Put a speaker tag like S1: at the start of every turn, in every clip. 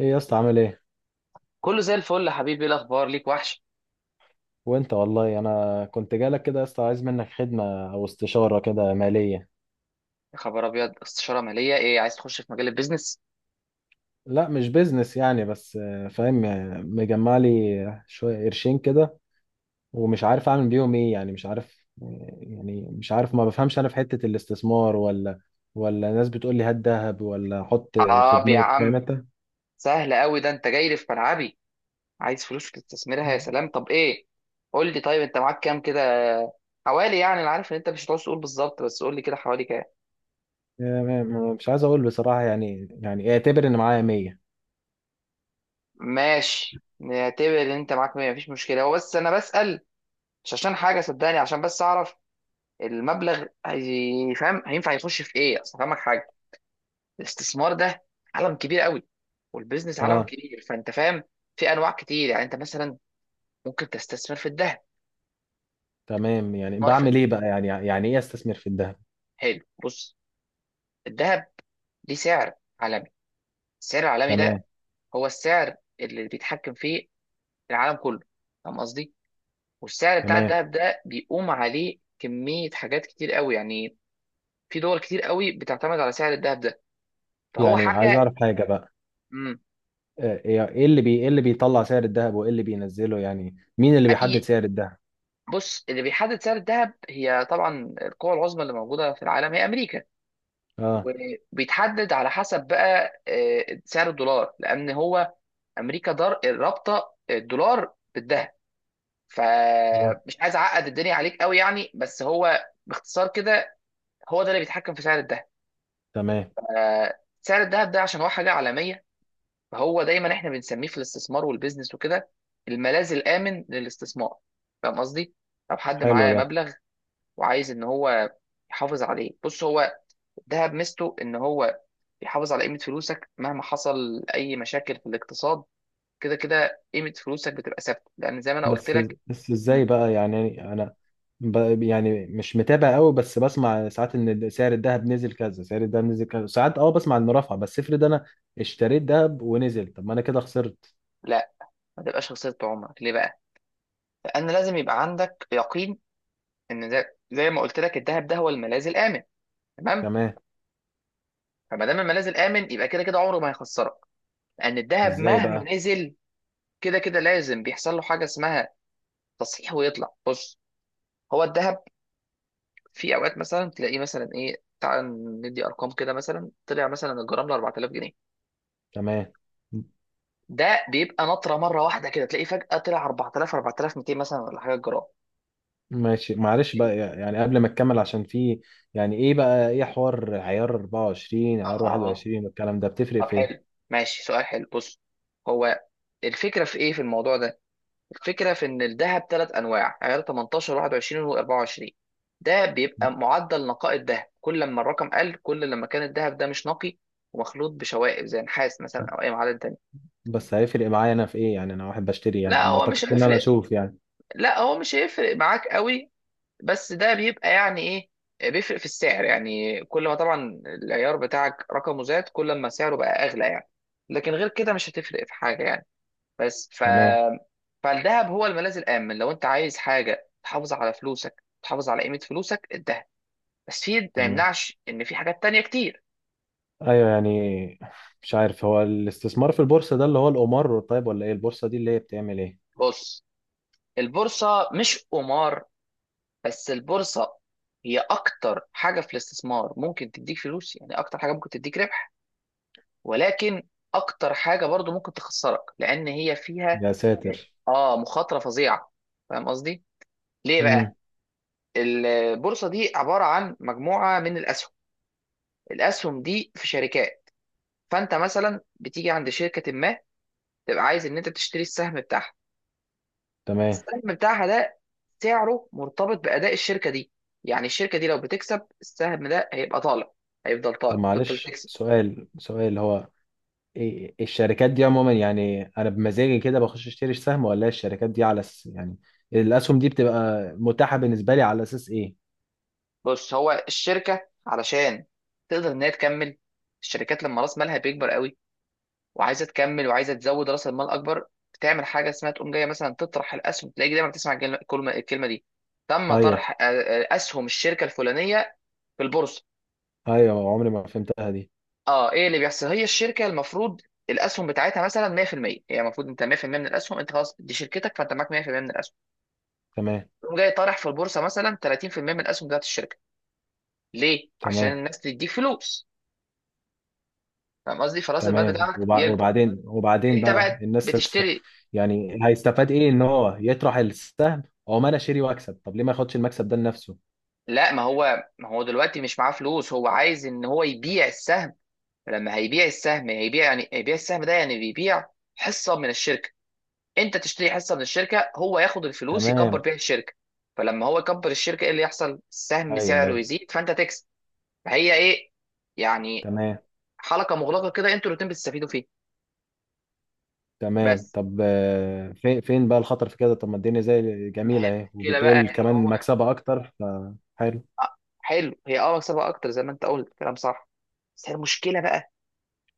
S1: ايه يا اسطى عامل ايه؟
S2: كله زي الفل يا حبيبي، ايه الاخبار؟ ليك وحش.
S1: وانت والله انا كنت جالك كده يا اسطى، عايز منك خدمه او استشاره كده ماليه.
S2: يا خبر ابيض، استشاره ماليه؟ ايه عايز تخش في مجال البيزنس؟
S1: لا مش بيزنس يعني بس آه، فاهم، مجمع لي شويه قرشين كده ومش عارف اعمل بيهم ايه. مش عارف، ما بفهمش انا في حته الاستثمار ولا ناس بتقول لي هات ذهب ولا حط في
S2: اه يا
S1: بنوك، فاهم
S2: عم،
S1: انت؟
S2: سهل قوي ده، انت جاي لي في ملعبي. عايز فلوس تستثمرها؟ يا سلام. طب ايه، قول لي طيب، انت معاك كام كده؟ حوالي يعني، انا عارف ان انت مش هتعوز تقول بالظبط، بس قول لي كده حوالي كام؟
S1: مش عايز اقول بصراحه، يعني يعني اعتبر ان معايا 100.
S2: ماشي، نعتبر ان انت معاك 100، مفيش مشكله. هو بس انا بسال مش عشان حاجه صدقني، عشان بس اعرف المبلغ فاهم، هينفع يخش في ايه. اصل فاهمك حاجه، الاستثمار ده عالم كبير قوي، والبيزنس عالم
S1: اه
S2: كبير. فانت فاهم، في انواع كتير. يعني انت مثلا ممكن تستثمر في الذهب.
S1: تمام. يعني
S2: استثمار في
S1: بعمل
S2: الذهب،
S1: ايه بقى؟ يعني ايه استثمر في الذهب؟
S2: حلو، بص. الذهب ليه سعر عالمي. السعر العالمي
S1: تمام.
S2: ده هو السعر اللي بيتحكم فيه العالم كله، فاهم قصدي؟ والسعر بتاع
S1: تمام.
S2: الذهب ده بيقوم عليه كمية حاجات كتير قوي يعني. في دول كتير قوي بتعتمد على سعر الذهب ده، فهو
S1: يعني عايز
S2: حاجة.
S1: اعرف حاجه بقى.
S2: مم.
S1: ايه اللي بيطلع سعر الذهب وايه اللي بينزله؟ يعني مين اللي بيحدد
S2: اي،
S1: سعر الذهب؟
S2: بص، اللي بيحدد سعر الذهب هي طبعا القوى العظمى اللي موجودة في العالم، هي امريكا.
S1: اه.
S2: وبيتحدد على حسب بقى سعر الدولار، لان هو امريكا دار رابطه الدولار بالذهب.
S1: آه.
S2: فمش عايز اعقد الدنيا عليك قوي يعني، بس هو باختصار كده، هو ده اللي بيتحكم في سعر الذهب.
S1: تمام.
S2: سعر الذهب ده عشان هو حاجه عالميه، فهو دايما احنا بنسميه في الاستثمار والبيزنس وكده الملاذ الامن للاستثمار. فاهم قصدي؟ لو حد
S1: حلو
S2: معاه
S1: ده.
S2: مبلغ وعايز ان هو يحافظ عليه، بص، هو الذهب ميزته ان هو يحافظ على قيمة فلوسك مهما حصل أي مشاكل في الاقتصاد. كده كده قيمة فلوسك بتبقى ثابتة، لأن زي ما أنا قلت
S1: بس
S2: لك.
S1: بس ازاي
S2: مم.
S1: بقى؟ يعني مش متابع قوي، بس بسمع ساعات ان سعر الذهب نزل كذا، سعر الذهب نزل كذا، ساعات اه بسمع انه رفع. بس افرض انا اشتريت ذهب ونزل، طب ما انا كده خسرت.
S2: لا، ما تبقاش خسارة عمرك ليه بقى؟ لأن لازم يبقى عندك يقين، إن زي ما قلت لك الذهب ده هو الملاذ الآمن، تمام؟
S1: تمام.
S2: فما دام الملاذ الآمن يبقى كده كده عمره ما هيخسرك، لأن الذهب
S1: ازاي بقى؟
S2: مهما نزل كده كده لازم بيحصل له حاجة اسمها تصحيح ويطلع. بص، هو الذهب في أوقات مثلا تلاقيه مثلا، إيه، تعال ندي أرقام كده، مثلا طلع مثلا الجرام ل 4000 جنيه.
S1: تمام.
S2: ده بيبقى نطره مره واحده، كده تلاقيه فجاه طلع 4000 4200 مثلا، ولا حاجه جرام.
S1: ماشي معلش بقى، يعني قبل ما تكمل عشان في، يعني ايه بقى ايه حوار عيار 24 عيار
S2: اه اه،
S1: 21 والكلام ده؟ بتفرق
S2: طب
S1: في ايه؟
S2: حلو، ماشي، سؤال حلو، بص. هو الفكره في ايه في الموضوع ده؟ الفكره في ان الذهب ثلاث انواع، عيار 18 21 و24. ده بيبقى معدل نقاء الذهب، كل لما الرقم قل كل لما كان الذهب ده مش نقي ومخلوط بشوائب زي نحاس مثلا، او اي معدن تاني.
S1: بس هيفرق معايا انا في ايه؟ يعني انا واحد بشتري، يعني
S2: لا
S1: ما
S2: هو مش
S1: اعتقدش ان انا
S2: هيفرق،
S1: اشوف يعني.
S2: لا هو مش هيفرق معاك قوي. بس ده بيبقى يعني، ايه، بيفرق في السعر يعني، كل ما طبعا العيار بتاعك رقمه زاد كل ما سعره بقى اغلى يعني. لكن غير كده مش هتفرق في حاجه يعني. بس ف
S1: تمام.
S2: فالذهب هو الملاذ الامن، لو انت عايز حاجه تحافظ على فلوسك، تحافظ على قيمه فلوسك الذهب. بس في ما
S1: تمام.
S2: يمنعش ان في حاجات تانية كتير.
S1: ايوه يعني، مش عارف، هو الاستثمار في البورصة ده اللي هو القمار؟ طيب ولا ايه البورصة دي اللي هي بتعمل ايه؟
S2: بص، البورصه مش قمار، بس البورصه هي اكتر حاجه في الاستثمار ممكن تديك فلوس، يعني اكتر حاجه ممكن تديك ربح. ولكن اكتر حاجه برضو ممكن تخسرك، لان هي فيها
S1: يا ساتر.
S2: اه مخاطره فظيعه، فاهم قصدي. ليه
S1: امم
S2: بقى؟ البورصه دي عباره عن مجموعه من الاسهم. الاسهم دي في شركات. فانت مثلا بتيجي عند شركه ما، تبقى عايز ان انت تشتري السهم بتاعها.
S1: تمام.
S2: السهم بتاعها ده سعره مرتبط باداء الشركه دي. يعني الشركه دي لو بتكسب السهم ده هيبقى طالع، هيفضل
S1: طب
S2: طالع، تفضل
S1: معلش
S2: تكسب.
S1: سؤال، هو الشركات دي عموما، يعني انا بمزاجي كده بخش اشتري سهم؟ ولا الشركات دي على يعني الاسهم دي بتبقى متاحة بالنسبة لي على اساس ايه؟
S2: بص، هو الشركه علشان تقدر ان هي تكمل، الشركات لما راس مالها بيكبر قوي وعايزه تكمل وعايزه تزود راس المال اكبر، بتعمل حاجه اسمها تقوم جايه مثلا تطرح الاسهم. تلاقي دايما بتسمع الكلمه دي، تم
S1: ايوه
S2: طرح اسهم الشركه الفلانيه في البورصه.
S1: ايوه عمري ما فهمتها دي.
S2: اه، ايه اللي بيحصل، هي الشركه المفروض الاسهم بتاعتها مثلا 100%، هي المفروض انت 100% من الاسهم، انت خلاص دي شركتك، فانت معاك 100% من الاسهم.
S1: تمام.
S2: تقوم جاي طارح في البورصه مثلا 30% من الاسهم بتاعت الشركه. ليه؟ عشان
S1: تمام.
S2: الناس تديك فلوس، فاهم قصدي، فراس المال
S1: تمام
S2: بتاعك
S1: وبع...
S2: يكبر.
S1: وبعدين وبعدين
S2: انت
S1: بقى
S2: بقى
S1: الناس
S2: بتشتري.
S1: يعني هيستفاد ايه ان هو يطرح السهم او ما انا اشتري واكسب؟ طب ليه ما ياخدش المكسب ده لنفسه؟
S2: لا، ما هو دلوقتي مش معاه فلوس، هو عايز ان هو يبيع السهم. فلما هيبيع السهم هيبيع يعني، هيبيع السهم ده يعني، بيبيع حصة من الشركة، انت تشتري حصة من الشركة، هو ياخد الفلوس يكبر
S1: تمام.
S2: بيها الشركة. فلما هو يكبر الشركة، ايه اللي يحصل؟ السهم
S1: ايوه
S2: سعره
S1: ايوه
S2: يزيد، فانت تكسب. فهي ايه يعني،
S1: تمام.
S2: حلقة مغلقة كده، انتوا الاتنين بتستفيدوا فيها.
S1: تمام.
S2: بس
S1: طب فين بقى الخطر في كده؟ طب ما الدنيا زي
S2: ما هي
S1: جميلة اهي،
S2: المشكلة بقى،
S1: وبتقول
S2: ان
S1: كمان
S2: هو
S1: مكسبها اكتر، فحلو.
S2: آه، حلو، هي مكسبها اكتر زي ما انت قلت، كلام صح. بس هي المشكلة بقى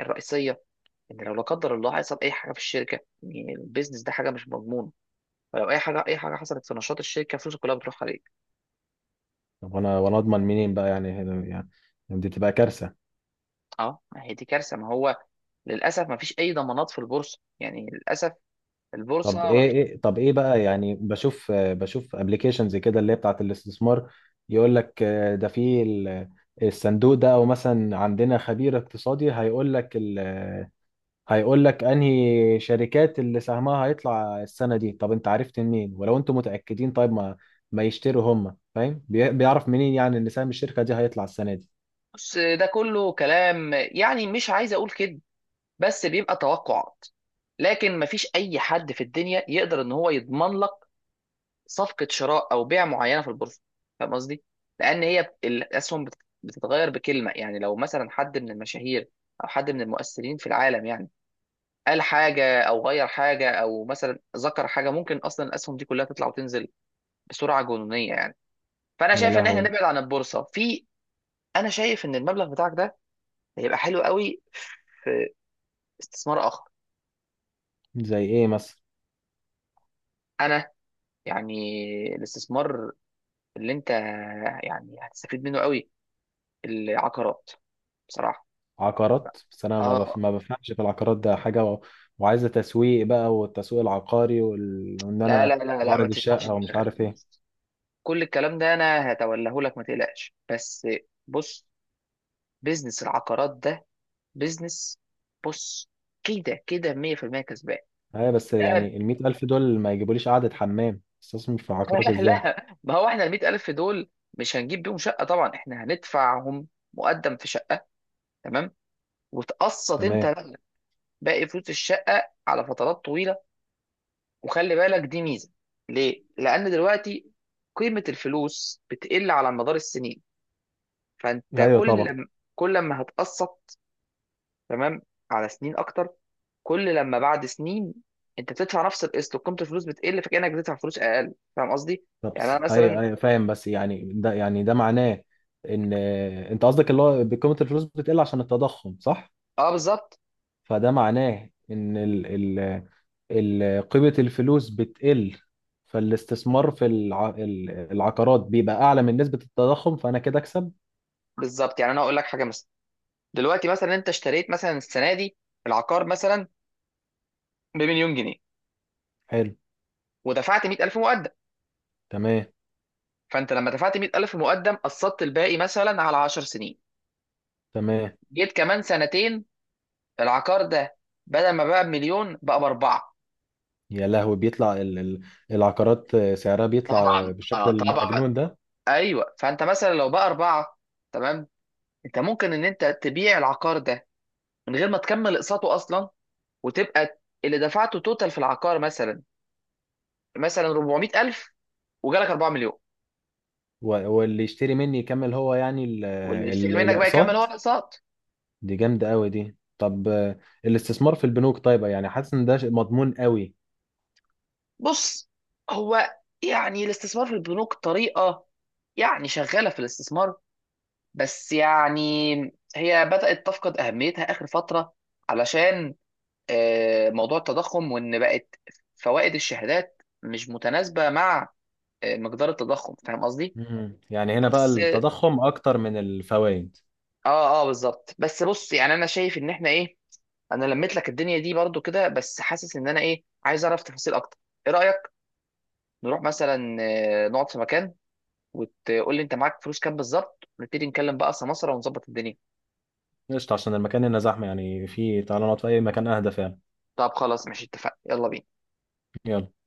S2: الرئيسية، ان لو لا قدر الله حصل اي حاجه في الشركه، يعني البيزنس ده حاجه مش مضمونه، فلو اي حاجه، اي حاجه حصلت في نشاط الشركه فلوسك كلها بتروح عليك.
S1: طب وانا اضمن منين بقى؟ يعني دي بتبقى كارثة.
S2: اه، ما هي دي كارثه، ما هو للاسف ما فيش اي ضمانات في البورصه، يعني للاسف البورصه ما فيش.
S1: طب ايه بقى؟ يعني بشوف، بشوف ابلكيشنز كده اللي هي بتاعت الاستثمار، يقول لك ده في الصندوق ده، او مثلا عندنا خبير اقتصادي هيقول لك انهي شركات اللي سهمها هيطلع السنه دي. طب انت عرفت منين؟ ولو انتم متاكدين طيب ما يشتروا هم، فاهم؟ بيعرف منين يعني ان سهم الشركه دي هيطلع السنه دي؟
S2: بص، ده كله كلام، يعني مش عايز اقول كده، بس بيبقى توقعات. لكن ما فيش اي حد في الدنيا يقدر ان هو يضمن لك صفقة شراء أو بيع معينة في البورصة، فاهم قصدي؟ لأن هي الأسهم بتتغير بكلمة. يعني لو مثلا حد من المشاهير أو حد من المؤثرين في العالم يعني، قال حاجة أو غير حاجة أو مثلا ذكر حاجة، ممكن أصلا الأسهم دي كلها تطلع وتنزل بسرعة جنونية يعني. فأنا
S1: يا
S2: شايف إن إحنا
S1: لهوي.
S2: نبعد عن البورصة في. أنا شايف إن المبلغ بتاعك ده هيبقى حلو قوي استثمار آخر.
S1: زي ايه مثلا؟
S2: أنا يعني، الاستثمار اللي أنت يعني هتستفيد منه قوي، العقارات، بصراحة.
S1: عقارات؟ بس انا ما،
S2: اه،
S1: ما بفهمش في العقارات ده حاجه، وعايزه تسويق بقى، والتسويق العقاري وان
S2: لا لا
S1: انا
S2: لا لا، ما
S1: اعرض
S2: تشغلش
S1: الشقه ومش
S2: دماغك،
S1: عارف ايه.
S2: بص، كل الكلام ده انا هتوليه لك، ما تقلقش. بس بص، بيزنس العقارات ده بيزنس، بص كده كده 100% كسبان.
S1: ايوه بس
S2: لا
S1: يعني ال 100,000 دول ما يجيبوليش قعده حمام، استثمر في عقارات ازاي؟
S2: لا، ما هو احنا ال 100000 دول مش هنجيب بيهم شقه طبعا، احنا هندفعهم مقدم في شقه، تمام، وتقسط انت
S1: تمام.
S2: بقى باقي فلوس الشقه على فترات طويله. وخلي بالك دي ميزه. ليه؟ لان دلوقتي قيمه الفلوس بتقل على مدار السنين، فانت
S1: ايوه
S2: كل
S1: طبعا.
S2: لما كل لما هتقسط، تمام، على سنين اكتر. كل لما بعد سنين انت بتدفع نفس القسط وقيمه الفلوس بتقل، فكانك بتدفع فلوس اقل، فاهم قصدي؟ يعني انا
S1: ايوه،
S2: مثلا،
S1: فاهم، بس يعني ده، يعني ده معناه ان انت قصدك اللي هو قيمه الفلوس بتقل عشان التضخم، صح؟
S2: اه بالظبط،
S1: فده معناه ان ال ال ال قيمه الفلوس بتقل، فالاستثمار في العقارات بيبقى اعلى من نسبه التضخم، فانا كده اكسب.
S2: بالظبط، يعني انا اقول لك حاجه مثلا، دلوقتي مثلا انت اشتريت مثلا السنه دي العقار مثلا بمليون جنيه،
S1: حلو.
S2: ودفعت 100000 مقدم.
S1: تمام.
S2: فانت لما دفعت 100000 مقدم، قسطت الباقي مثلا على 10 سنين.
S1: تمام.
S2: جيت كمان سنتين، العقار ده بدل ما بقى بمليون بقى باربعه.
S1: يا لهوي، بيطلع ال ال العقارات سعرها بيطلع
S2: طبعا
S1: بالشكل
S2: طبعا،
S1: المجنون ده.
S2: ايوه، فانت مثلا لو بقى اربعه، تمام، انت ممكن ان انت تبيع العقار ده من غير ما تكمل اقساطه اصلا، وتبقى اللي دفعته توتال في العقار مثلا 400000، وجالك 4 مليون.
S1: واللي يشتري مني يكمل هو يعني
S2: واللي يشتري منك بقى يكمل هو
S1: الاقساط.
S2: الاقساط.
S1: دي جامدة قوي دي. طب الاستثمار في البنوك طيب؟ يعني حاسس ان ده شيء مضمون قوي.
S2: بص، هو يعني الاستثمار في البنوك طريقه يعني شغاله في الاستثمار، بس يعني هي بدات تفقد اهميتها اخر فتره، علشان موضوع التضخم، وان بقت فوائد الشهادات مش متناسبه مع مقدار التضخم، فاهم قصدي.
S1: مم. يعني هنا بقى
S2: بس
S1: التضخم اكتر من الفوائد.
S2: اه اه بالظبط، بس بص، يعني انا شايف ان احنا ايه، انا لميت لك الدنيا دي برضو كده، بس حاسس ان انا ايه عايز اعرف تفاصيل اكتر. ايه رايك نروح مثلا نقعد في مكان، وتقول لي انت معاك فلوس كام بالظبط، ونبتدي نتكلم بقى سمسره ونظبط الدنيا.
S1: قشطة، عشان المكان هنا زحمة يعني، في تعالى نقعد في اي مكان اهدى فعلا.
S2: طب خلاص، ماشي، اتفقنا، يلا بينا.
S1: يلا.